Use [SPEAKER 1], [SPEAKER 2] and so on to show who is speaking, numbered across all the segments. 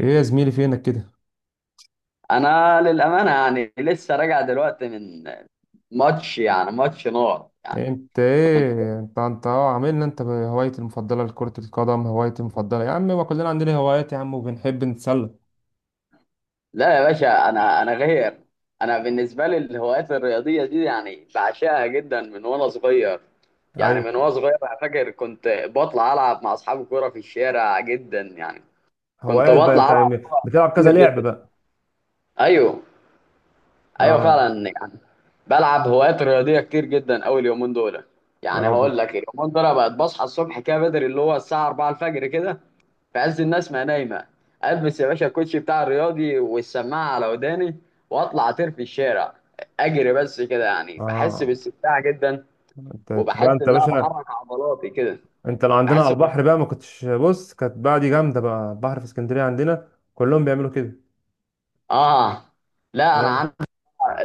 [SPEAKER 1] ايه، يا زميلي فينك كده؟
[SPEAKER 2] انا للامانه يعني لسه راجع دلوقتي من ماتش، يعني ماتش نار يعني.
[SPEAKER 1] إيه انت ايه انت انت اه عاملنا، انت هوايتي المفضله لكره القدم؟ هوايتي المفضله يا عم، ما كلنا عندنا هوايات يا عم وبنحب نتسلى.
[SPEAKER 2] لا يا باشا، انا غير. انا بالنسبه لي الهوايات الرياضيه دي يعني بعشقها جدا من وانا صغير.
[SPEAKER 1] ايوه،
[SPEAKER 2] انا فاكر كنت بطلع العب مع اصحابي كوره في الشارع جدا يعني. كنت
[SPEAKER 1] هوايات بقى انت
[SPEAKER 2] بطلع العب
[SPEAKER 1] يعني؟
[SPEAKER 2] كوره
[SPEAKER 1] بتلعب كذا
[SPEAKER 2] كتير
[SPEAKER 1] لعبه
[SPEAKER 2] جدا.
[SPEAKER 1] بقى؟
[SPEAKER 2] ايوه. ايوه
[SPEAKER 1] اه.
[SPEAKER 2] فعلا يعني، بلعب هوايات رياضيه كتير جدا. اول يومين دول يعني
[SPEAKER 1] اه.
[SPEAKER 2] هقول لك، اليومين دول بقت بصحى الصبح كده بدري، اللي هو الساعه 4 الفجر كده، في عز الناس ما نايمه. البس يا باشا الكوتشي بتاع الرياضي والسماعه على وداني واطلع اطير في الشارع، اجري بس كده، يعني بحس
[SPEAKER 1] اه.
[SPEAKER 2] باستمتاع جدا،
[SPEAKER 1] انت بقى
[SPEAKER 2] وبحس
[SPEAKER 1] انت
[SPEAKER 2] ان
[SPEAKER 1] يا
[SPEAKER 2] انا
[SPEAKER 1] باشا.
[SPEAKER 2] بحرك عضلاتي كده.
[SPEAKER 1] انت لو عندنا على
[SPEAKER 2] بحس ب...
[SPEAKER 1] البحر بقى ما كنتش. بص، كانت بقى دي جامده بقى، البحر في اسكندريه عندنا كلهم بيعملوا كده.
[SPEAKER 2] اه، لا انا
[SPEAKER 1] اه.
[SPEAKER 2] عندي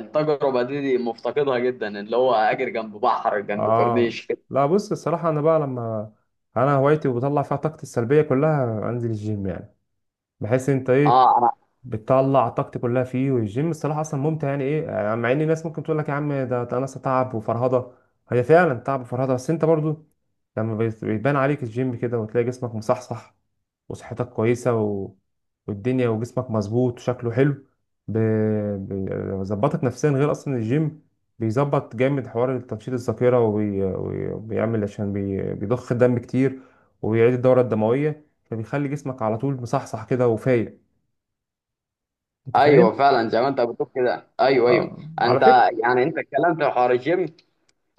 [SPEAKER 2] التجربه دي مفتقدها جدا، اللي هو اجري جنب بحر، جنب
[SPEAKER 1] آه.
[SPEAKER 2] كورنيش كده.
[SPEAKER 1] لا بص، الصراحه انا بقى لما. انا هوايتي وبطلع فيها طاقتي السلبيه كلها انزل الجيم يعني. بحس انت ايه،
[SPEAKER 2] اه.
[SPEAKER 1] بتطلع طاقتي كلها فيه. والجيم الصراحه اصلا ممتع، يعني ايه يعني مع ان الناس ممكن تقول لك يا عم ده ناس تعب وفرهضه، هي فعلا تعب وفرهضه. بس انت برضو لما بيبان عليك الجيم كده وتلاقي جسمك مصحصح وصحتك كويسه والدنيا وجسمك مظبوط وشكله حلو، ب- بيظبطك نفسيا. غير اصلا الجيم بيظبط جامد حوار تنشيط الذاكره وبيعمل، عشان بيضخ الدم كتير وبيعيد الدوره الدمويه، فبيخلي جسمك على طول مصحصح كده وفايق. انت فاهم؟
[SPEAKER 2] ايوه فعلا، زي ما انت بتقول كده، ايوه، ايوه.
[SPEAKER 1] اه، على
[SPEAKER 2] انت
[SPEAKER 1] فكره.
[SPEAKER 2] يعني انت اتكلمت في حوار الجيم،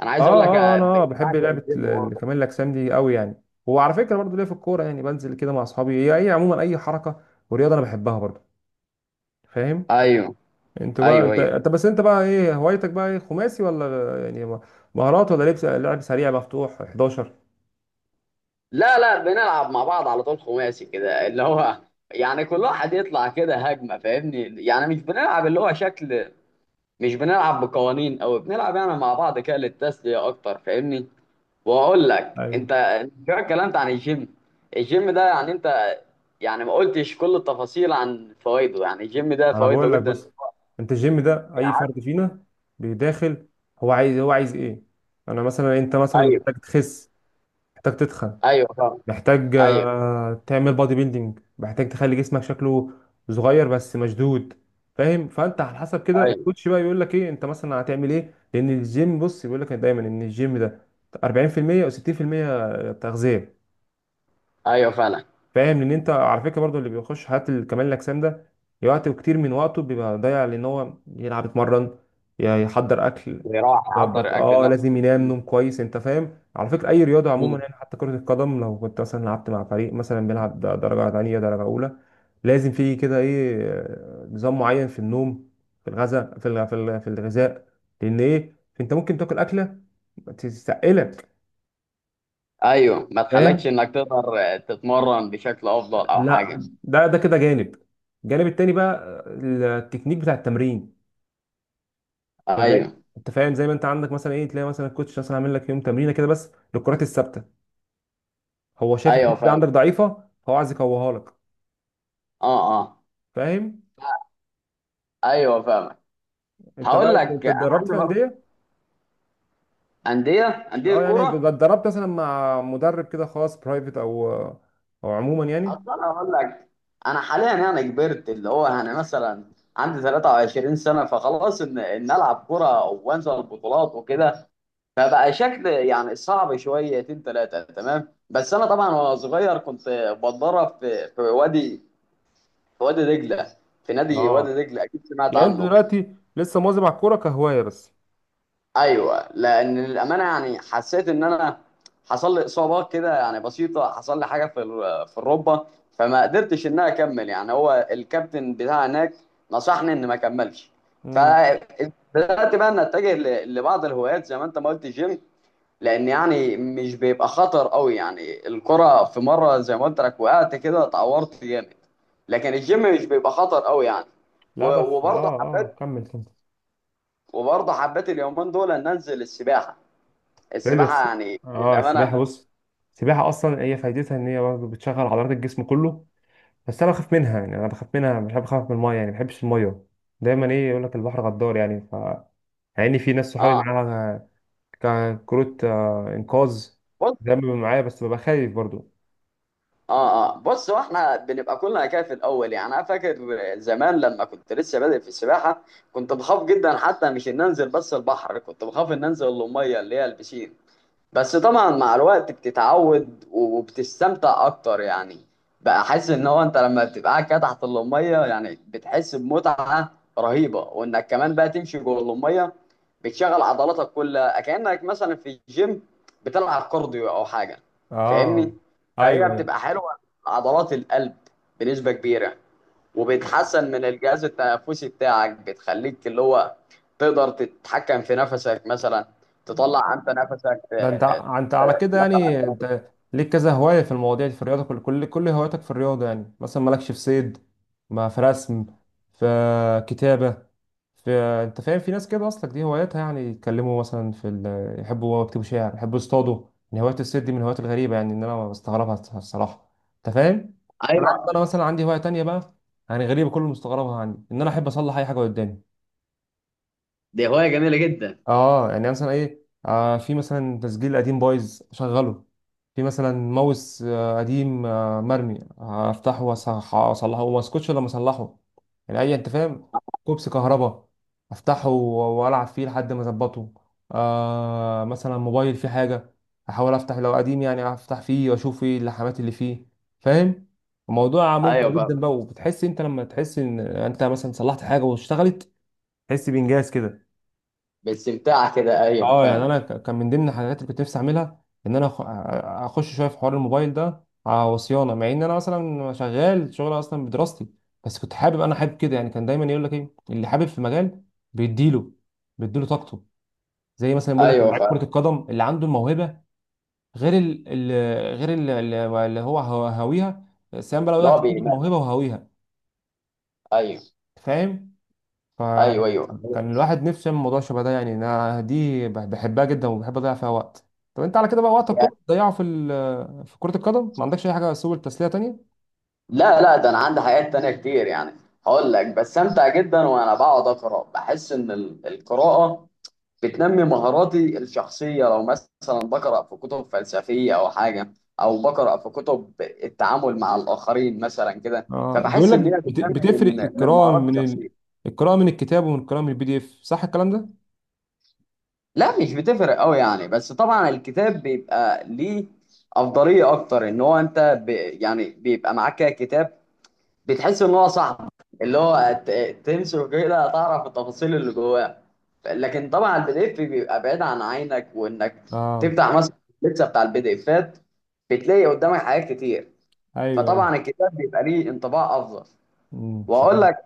[SPEAKER 2] انا
[SPEAKER 1] اه.
[SPEAKER 2] عايز اقول لك
[SPEAKER 1] اه.
[SPEAKER 2] آه،
[SPEAKER 1] انا آه
[SPEAKER 2] بقيت
[SPEAKER 1] بحب
[SPEAKER 2] بعشق
[SPEAKER 1] لعبه
[SPEAKER 2] الجيم برضه.
[SPEAKER 1] كمال الاجسام دي قوي يعني. وعلى فكره برضو ليا في الكوره، يعني بنزل كده مع اصحابي. هي اي عموما اي حركه ورياضه انا بحبها برضو. فاهم؟
[SPEAKER 2] ايوه،
[SPEAKER 1] انت بقى
[SPEAKER 2] ايوه،
[SPEAKER 1] انت,
[SPEAKER 2] ايوه.
[SPEAKER 1] ايوه، انت بس انت بقى ايه هوايتك بقى؟ ايه، خماسي ولا يعني مهارات ولا لعب لعب سريع مفتوح 11؟
[SPEAKER 2] لا لا، بنلعب مع بعض على طول خماسي كده، اللي هو يعني كل واحد يطلع كده هجمه، فاهمني؟ يعني مش بنلعب اللي هو شكل، مش بنلعب بقوانين، او بنلعب يعني مع بعض كده للتسليه اكتر، فاهمني؟ واقول لك،
[SPEAKER 1] ايوه.
[SPEAKER 2] انت شويه اتكلمت عن الجيم. الجيم ده يعني انت، يعني ما قلتش كل التفاصيل عن فوائده. يعني الجيم ده
[SPEAKER 1] انا
[SPEAKER 2] فوائده
[SPEAKER 1] بقول لك
[SPEAKER 2] جدا
[SPEAKER 1] بص، انت الجيم ده اي
[SPEAKER 2] يعني.
[SPEAKER 1] فرد فينا بيداخل، هو عايز ايه. انا مثلا انت مثلا
[SPEAKER 2] ايوه،
[SPEAKER 1] محتاج تخس، محتاج تتخن،
[SPEAKER 2] ايوه فعلا.
[SPEAKER 1] محتاج،
[SPEAKER 2] ايوه،
[SPEAKER 1] آه، تعمل بادي بيلدينج، محتاج تخلي جسمك شكله صغير بس مشدود. فاهم؟ فانت على حسب كده
[SPEAKER 2] ايوه،
[SPEAKER 1] الكوتش بقى يقول لك ايه، انت مثلا هتعمل ايه. لان الجيم بص بيقول لك دايما ان الجيم ده 40% او 60% تغذيه.
[SPEAKER 2] ايوه فعلا.
[SPEAKER 1] فاهم؟ ان انت على فكره برضو اللي بيخش حالات كمال الاجسام ده وقت كتير من وقته بيبقى ضايع، لان هو يلعب، يتمرن، يحضر اكل،
[SPEAKER 2] ويروح
[SPEAKER 1] يظبط.
[SPEAKER 2] يحضر اكل
[SPEAKER 1] اه، لازم
[SPEAKER 2] نفسه.
[SPEAKER 1] ينام
[SPEAKER 2] مم.
[SPEAKER 1] نوم كويس. انت فاهم؟ على فكره اي رياضه عموما،
[SPEAKER 2] مم.
[SPEAKER 1] يعني حتى كره القدم لو كنت مثلا لعبت مع فريق مثلا بيلعب درجه ثانيه درجه اولى، لازم في كده ايه، آه، نظام معين في النوم، في الغذاء، في الغذاء. لان ايه انت ممكن تاكل اكله تستقلك.
[SPEAKER 2] ايوه، ما تخلكش
[SPEAKER 1] فاهم؟
[SPEAKER 2] انك تقدر تتمرن بشكل افضل او حاجه.
[SPEAKER 1] لا ده كده جانب. الجانب التاني بقى آه، التكنيك بتاع التمرين.
[SPEAKER 2] ايوه،
[SPEAKER 1] انت فاهم، زي ما انت عندك مثلا ايه، تلاقي مثلا الكوتش مثلا عامل لك يوم تمرينه كده بس للكرات الثابته، هو شايف
[SPEAKER 2] ايوه
[SPEAKER 1] الحته دي
[SPEAKER 2] فاهم.
[SPEAKER 1] عندك ضعيفه هو عايز يقويها لك.
[SPEAKER 2] اه اه.
[SPEAKER 1] فاهم؟
[SPEAKER 2] ايوه فاهم.
[SPEAKER 1] انت
[SPEAKER 2] هقول
[SPEAKER 1] بقى انت
[SPEAKER 2] لك،
[SPEAKER 1] أنت
[SPEAKER 2] انا
[SPEAKER 1] اتدربت
[SPEAKER 2] عندي
[SPEAKER 1] في
[SPEAKER 2] برضه
[SPEAKER 1] انديه؟
[SPEAKER 2] انديه، انديه
[SPEAKER 1] اه، يعني
[SPEAKER 2] كوره.
[SPEAKER 1] اتدربت مثلا مع مدرب كده خاص برايفت، او عموما يعني؟
[SPEAKER 2] اصلا هقول لك، انا حاليا يعني كبرت، اللي هو يعني مثلا عندي 23 سنه، فخلاص ان العب كوره وانزل البطولات وكده فبقى شكل يعني صعب شويتين ثلاثة. تمام. بس أنا طبعا وأنا صغير كنت بتدرب في وادي في وادي دجلة، في نادي وادي
[SPEAKER 1] اه.
[SPEAKER 2] دجلة، أكيد سمعت
[SPEAKER 1] يعني انت
[SPEAKER 2] عنه.
[SPEAKER 1] دلوقتي لسه مواظب على الكوره كهوايه بس؟
[SPEAKER 2] أيوه، لأن للأمانة يعني حسيت إن أنا حصل لي إصابات كده يعني بسيطة، حصل لي حاجة في في الركبة، فما قدرتش إن أنا أكمل. يعني هو الكابتن بتاع هناك نصحني إن ما أكملش،
[SPEAKER 1] امم.
[SPEAKER 2] فبدأت بقى إن أتجه لبعض الهوايات زي ما أنت ما قلت، الجيم، لان يعني مش بيبقى خطر قوي. يعني الكرة في مرة زي ما قلت لك وقعت كده اتعورت جامد، لكن الجيم مش بيبقى خطر قوي يعني.
[SPEAKER 1] لا بس، اه.
[SPEAKER 2] وبرضه
[SPEAKER 1] اه،
[SPEAKER 2] حبيت،
[SPEAKER 1] كمل كمل.
[SPEAKER 2] اليومين دول ان انزل السباحة.
[SPEAKER 1] حلو،
[SPEAKER 2] السباحة
[SPEAKER 1] بس
[SPEAKER 2] يعني
[SPEAKER 1] اه
[SPEAKER 2] للأمانة.
[SPEAKER 1] السباحه بص، السباحه اصلا هي فايدتها ان هي برضه بتشغل عضلات الجسم كله. بس انا بخاف منها، يعني انا بخاف منها، مش بحب اخاف من الميه، يعني ما بحبش الميه. دايما ايه يقول لك البحر غدار يعني. يعني في ناس صحابي
[SPEAKER 2] اه
[SPEAKER 1] معاها كروت، آه، انقاذ
[SPEAKER 2] بص.
[SPEAKER 1] دايما بيبقى معايا، بس ببقى خايف برضه.
[SPEAKER 2] اه بص، واحنا بنبقى كلنا كده في الاول. يعني انا فاكر زمان لما كنت لسه بادئ في السباحة، كنت بخاف جدا، حتى مش ان انزل بس البحر، كنت بخاف ان انزل المية اللي هي البسين، بس طبعا مع الوقت بتتعود وبتستمتع اكتر يعني. بقى حاسس ان هو انت لما بتبقى قاعد كده تحت اللميه، يعني بتحس بمتعه رهيبه، وانك كمان بقى تمشي جوه اللميه، بتشغل عضلاتك كلها كانك مثلا في الجيم بتلعب كارديو او حاجه، فاهمني؟
[SPEAKER 1] اه.
[SPEAKER 2] فهي
[SPEAKER 1] ايوه ايوه.
[SPEAKER 2] بتبقى حلوه. عضلات القلب بنسبه كبيره، وبتحسن من الجهاز التنفسي بتاعك، بتخليك اللي هو تقدر تتحكم في نفسك، مثلا تطلع انت نفسك،
[SPEAKER 1] ده انت انت على كده
[SPEAKER 2] دخل على
[SPEAKER 1] يعني
[SPEAKER 2] التنافس.
[SPEAKER 1] انت ليك كذا هواية في المواضيع دي، في الرياضة. كل كل كل هواياتك في الرياضة؟ يعني مثلا مالكش في صيد، ما في رسم، في كتابة، في انت فاهم، في ناس كده اصلك دي هواياتها، يعني يتكلموا مثلا يحبوا يكتبوا شعر، يحبوا يصطادوا. ان هواية الصيد دي من الهوايات الغريبة، يعني ان انا بستغربها الصراحة. انت فاهم؟ انا عارف انا
[SPEAKER 2] ايوه،
[SPEAKER 1] مثلا عندي هواية تانية بقى، يعني غريبة كل مستغربها عندي، ان انا احب اصلح اي حاجة قدامي.
[SPEAKER 2] دي هوايه جميله جدا.
[SPEAKER 1] اه يعني مثلا ايه، آه، في مثلا تسجيل قديم بايظ شغله، في مثلا ماوس، آه، قديم، آه، مرمي، هفتحه واصلحه وما اسكتش لما اصلحه يعني. اي، انت فاهم، كوبس كهرباء افتحه والعب فيه لحد ما اظبطه. آه مثلا موبايل فيه حاجه، احاول افتح لو قديم يعني، افتح فيه واشوف ايه اللحمات اللي فيه. فاهم؟ الموضوع ممتع
[SPEAKER 2] ايوه
[SPEAKER 1] جدا
[SPEAKER 2] فاهم.
[SPEAKER 1] بقى، وبتحس انت لما تحس ان انت مثلا صلحت حاجه واشتغلت، تحس بانجاز كده.
[SPEAKER 2] باستمتاع كده، ايوه
[SPEAKER 1] اه يعني
[SPEAKER 2] فاهم.
[SPEAKER 1] انا كان من ضمن الحاجات اللي كنت نفسي اعملها ان اخش شويه في حوار الموبايل ده على صيانه. مع ان انا اصلا شغال شغل اصلا بدراستي، بس كنت حابب. انا حابب كده يعني. كان دايما يقول لك ايه اللي حابب في مجال بيديله بيديله طاقته، زي مثلا بيقول لك
[SPEAKER 2] ايوه
[SPEAKER 1] لعيب
[SPEAKER 2] فاهم.
[SPEAKER 1] كره القدم اللي عنده الموهبه، غير ال ال غير ال ال- اللي هو هاويها. سام بقى لو
[SPEAKER 2] اللي هو
[SPEAKER 1] واحد عنده
[SPEAKER 2] بيمارس.
[SPEAKER 1] الموهبه وهاويها.
[SPEAKER 2] ايوه،
[SPEAKER 1] فاهم؟
[SPEAKER 2] ايوه،
[SPEAKER 1] فكان
[SPEAKER 2] ايوه.
[SPEAKER 1] الواحد نفسه يعمل موضوع شبه ده. يعني انا دي بحبها جدا وبحب اضيع فيها وقت. طب انت على كده بقى وقتك كله
[SPEAKER 2] يعني...
[SPEAKER 1] بتضيعه في كرة القدم؟ ما عندكش اي حاجة سبل تسلية تانية؟
[SPEAKER 2] لا لا، ده انا عندي حاجات تانية كتير يعني. هقول لك بستمتع جدا وانا بقعد اقرا. بحس ان القراءه بتنمي مهاراتي الشخصيه. لو مثلا بقرا في كتب فلسفيه او حاجه، او بقرا في كتب التعامل مع الاخرين مثلا كده،
[SPEAKER 1] اه بيقول
[SPEAKER 2] فبحس
[SPEAKER 1] لك
[SPEAKER 2] ان هي بتنمي
[SPEAKER 1] بتفرق
[SPEAKER 2] من
[SPEAKER 1] القراءة
[SPEAKER 2] مهاراتي الشخصيه.
[SPEAKER 1] القراءة من الكتاب ومن القراءة من البي دي اف، صح الكلام ده؟
[SPEAKER 2] لا مش بتفرق قوي يعني. بس طبعا الكتاب بيبقى ليه افضليه اكتر، ان هو انت ب... يعني بيبقى معاك كده كتاب، بتحس ان هو صاحبك، اللي هو تمسكه كده، تعرف التفاصيل اللي جواه. لكن طبعا البي دي اف بيبقى بعيد عن عينك، وانك
[SPEAKER 1] اه.
[SPEAKER 2] تفتح مثلا اللبسه بتاع البي دي افات، بتلاقي قدامك حاجات كتير.
[SPEAKER 1] ايوه ايوه.
[SPEAKER 2] فطبعا الكتاب بيبقى ليه انطباع افضل.
[SPEAKER 1] مش
[SPEAKER 2] واقول لك،
[SPEAKER 1] عارف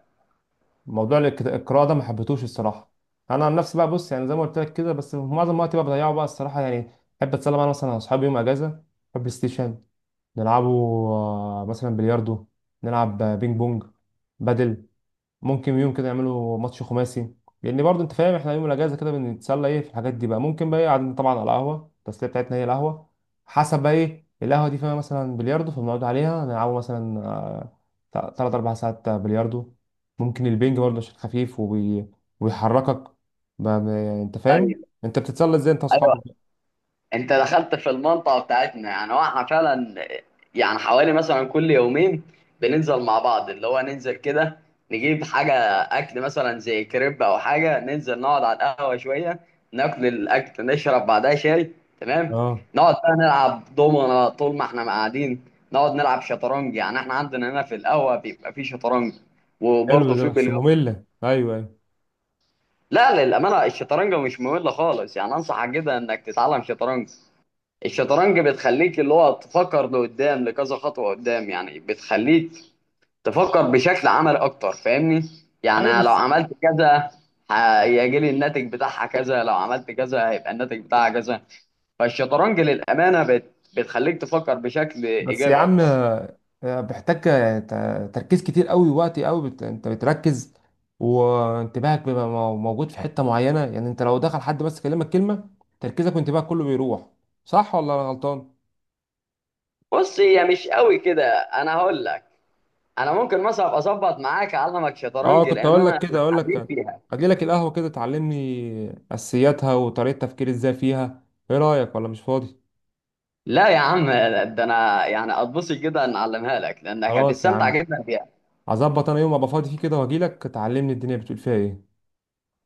[SPEAKER 1] موضوع القراءة ده، ما حبيتهوش الصراحة. انا عن نفسي بقى، بص يعني زي ما قلت لك كده، بس في معظم وقتي بقى بضيعه بقى الصراحة يعني. احب اتسلى بقى، أنا مثلا مع اصحابي يوم اجازة بلاي ستيشن نلعبه، آه، مثلا بلياردو نلعب، آه، بينج بونج، بدل. ممكن يوم كده يعملوا ماتش خماسي. لان برضه انت فاهم احنا يوم الاجازه كده بنتسلى ايه في الحاجات دي بقى، ممكن بقى ايه قاعدين طبعا على القهوه، التسليه بتاعتنا هي القهوه، حسب بقى ايه القهوه دي فيها مثلا بلياردو، فبنقعد عليها نلعبوا مثلا آه، تلات اربع ساعات بلياردو. ممكن البينج برضه عشان خفيف ويحركك بقى يعني. انت فاهم،
[SPEAKER 2] ايوه،
[SPEAKER 1] انت بتتسلى ازاي انت
[SPEAKER 2] ايوه.
[SPEAKER 1] واصحابك؟
[SPEAKER 2] انت دخلت في المنطقه بتاعتنا يعني، واحنا فعلا يعني حوالي مثلا كل يومين بننزل مع بعض. اللي هو ننزل كده، نجيب حاجه اكل مثلا زي كريب او حاجه، ننزل نقعد على القهوه شويه، ناكل الاكل، نشرب بعدها شاي. تمام.
[SPEAKER 1] اه،
[SPEAKER 2] نقعد بقى نلعب دومنا طول ما احنا قاعدين، نقعد نلعب شطرنج. يعني احنا عندنا هنا في القهوه بيبقى في شطرنج
[SPEAKER 1] حلو
[SPEAKER 2] وبرضه
[SPEAKER 1] ده
[SPEAKER 2] في
[SPEAKER 1] بس
[SPEAKER 2] بلياردو.
[SPEAKER 1] ممله. ايوه ايوه
[SPEAKER 2] لا للامانه الشطرنج مش ممل خالص يعني، انصحك جدا انك تتعلم شطرنج. الشطرنج بتخليك اللي هو تفكر لقدام، لكذا خطوة قدام، يعني بتخليك تفكر بشكل عملي أكتر، فاهمني؟
[SPEAKER 1] ايوه.
[SPEAKER 2] يعني لو
[SPEAKER 1] بس
[SPEAKER 2] عملت كذا هيجي لي الناتج بتاعها كذا، لو عملت كذا هيبقى الناتج بتاعها كذا. فالشطرنج للأمانة بت... بتخليك تفكر بشكل
[SPEAKER 1] بس يا
[SPEAKER 2] إيجابي
[SPEAKER 1] عم،
[SPEAKER 2] أكتر.
[SPEAKER 1] آه، بيحتاج، آه، تركيز كتير قوي ووقت قوي، انت بتركز وانتباهك بيبقى موجود في حتة معينة، يعني انت لو دخل حد بس كلمك كلمة تركيزك وانتباهك كله بيروح. صح ولا انا غلطان؟
[SPEAKER 2] بص، هي مش قوي كده، أنا هقول لك، أنا ممكن مثلا أبقى أظبط معاك أعلمك
[SPEAKER 1] اه.
[SPEAKER 2] شطرنج،
[SPEAKER 1] كنت
[SPEAKER 2] لأن
[SPEAKER 1] اقول لك
[SPEAKER 2] أنا
[SPEAKER 1] كده، اقول
[SPEAKER 2] حريف
[SPEAKER 1] لك
[SPEAKER 2] فيها.
[SPEAKER 1] اجي لك القهوة كده تعلمني اساسياتها وطريقة تفكير ازاي فيها. ايه رأيك ولا مش فاضي؟
[SPEAKER 2] لا يا عم، ده أنا يعني أتبسط جدا إن أعلمها لك، لأنك
[SPEAKER 1] خلاص يا
[SPEAKER 2] هتستمتع
[SPEAKER 1] عم،
[SPEAKER 2] جدا بيها.
[SPEAKER 1] هظبط انا يوم ابقى فاضي فيه كده واجي لك تعلمني الدنيا بتقول فيها ايه.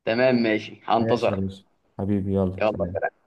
[SPEAKER 2] تمام، ماشي،
[SPEAKER 1] ماشي يا
[SPEAKER 2] هنتظرك.
[SPEAKER 1] باشا. حبيبي يلا سلام.
[SPEAKER 2] يلا.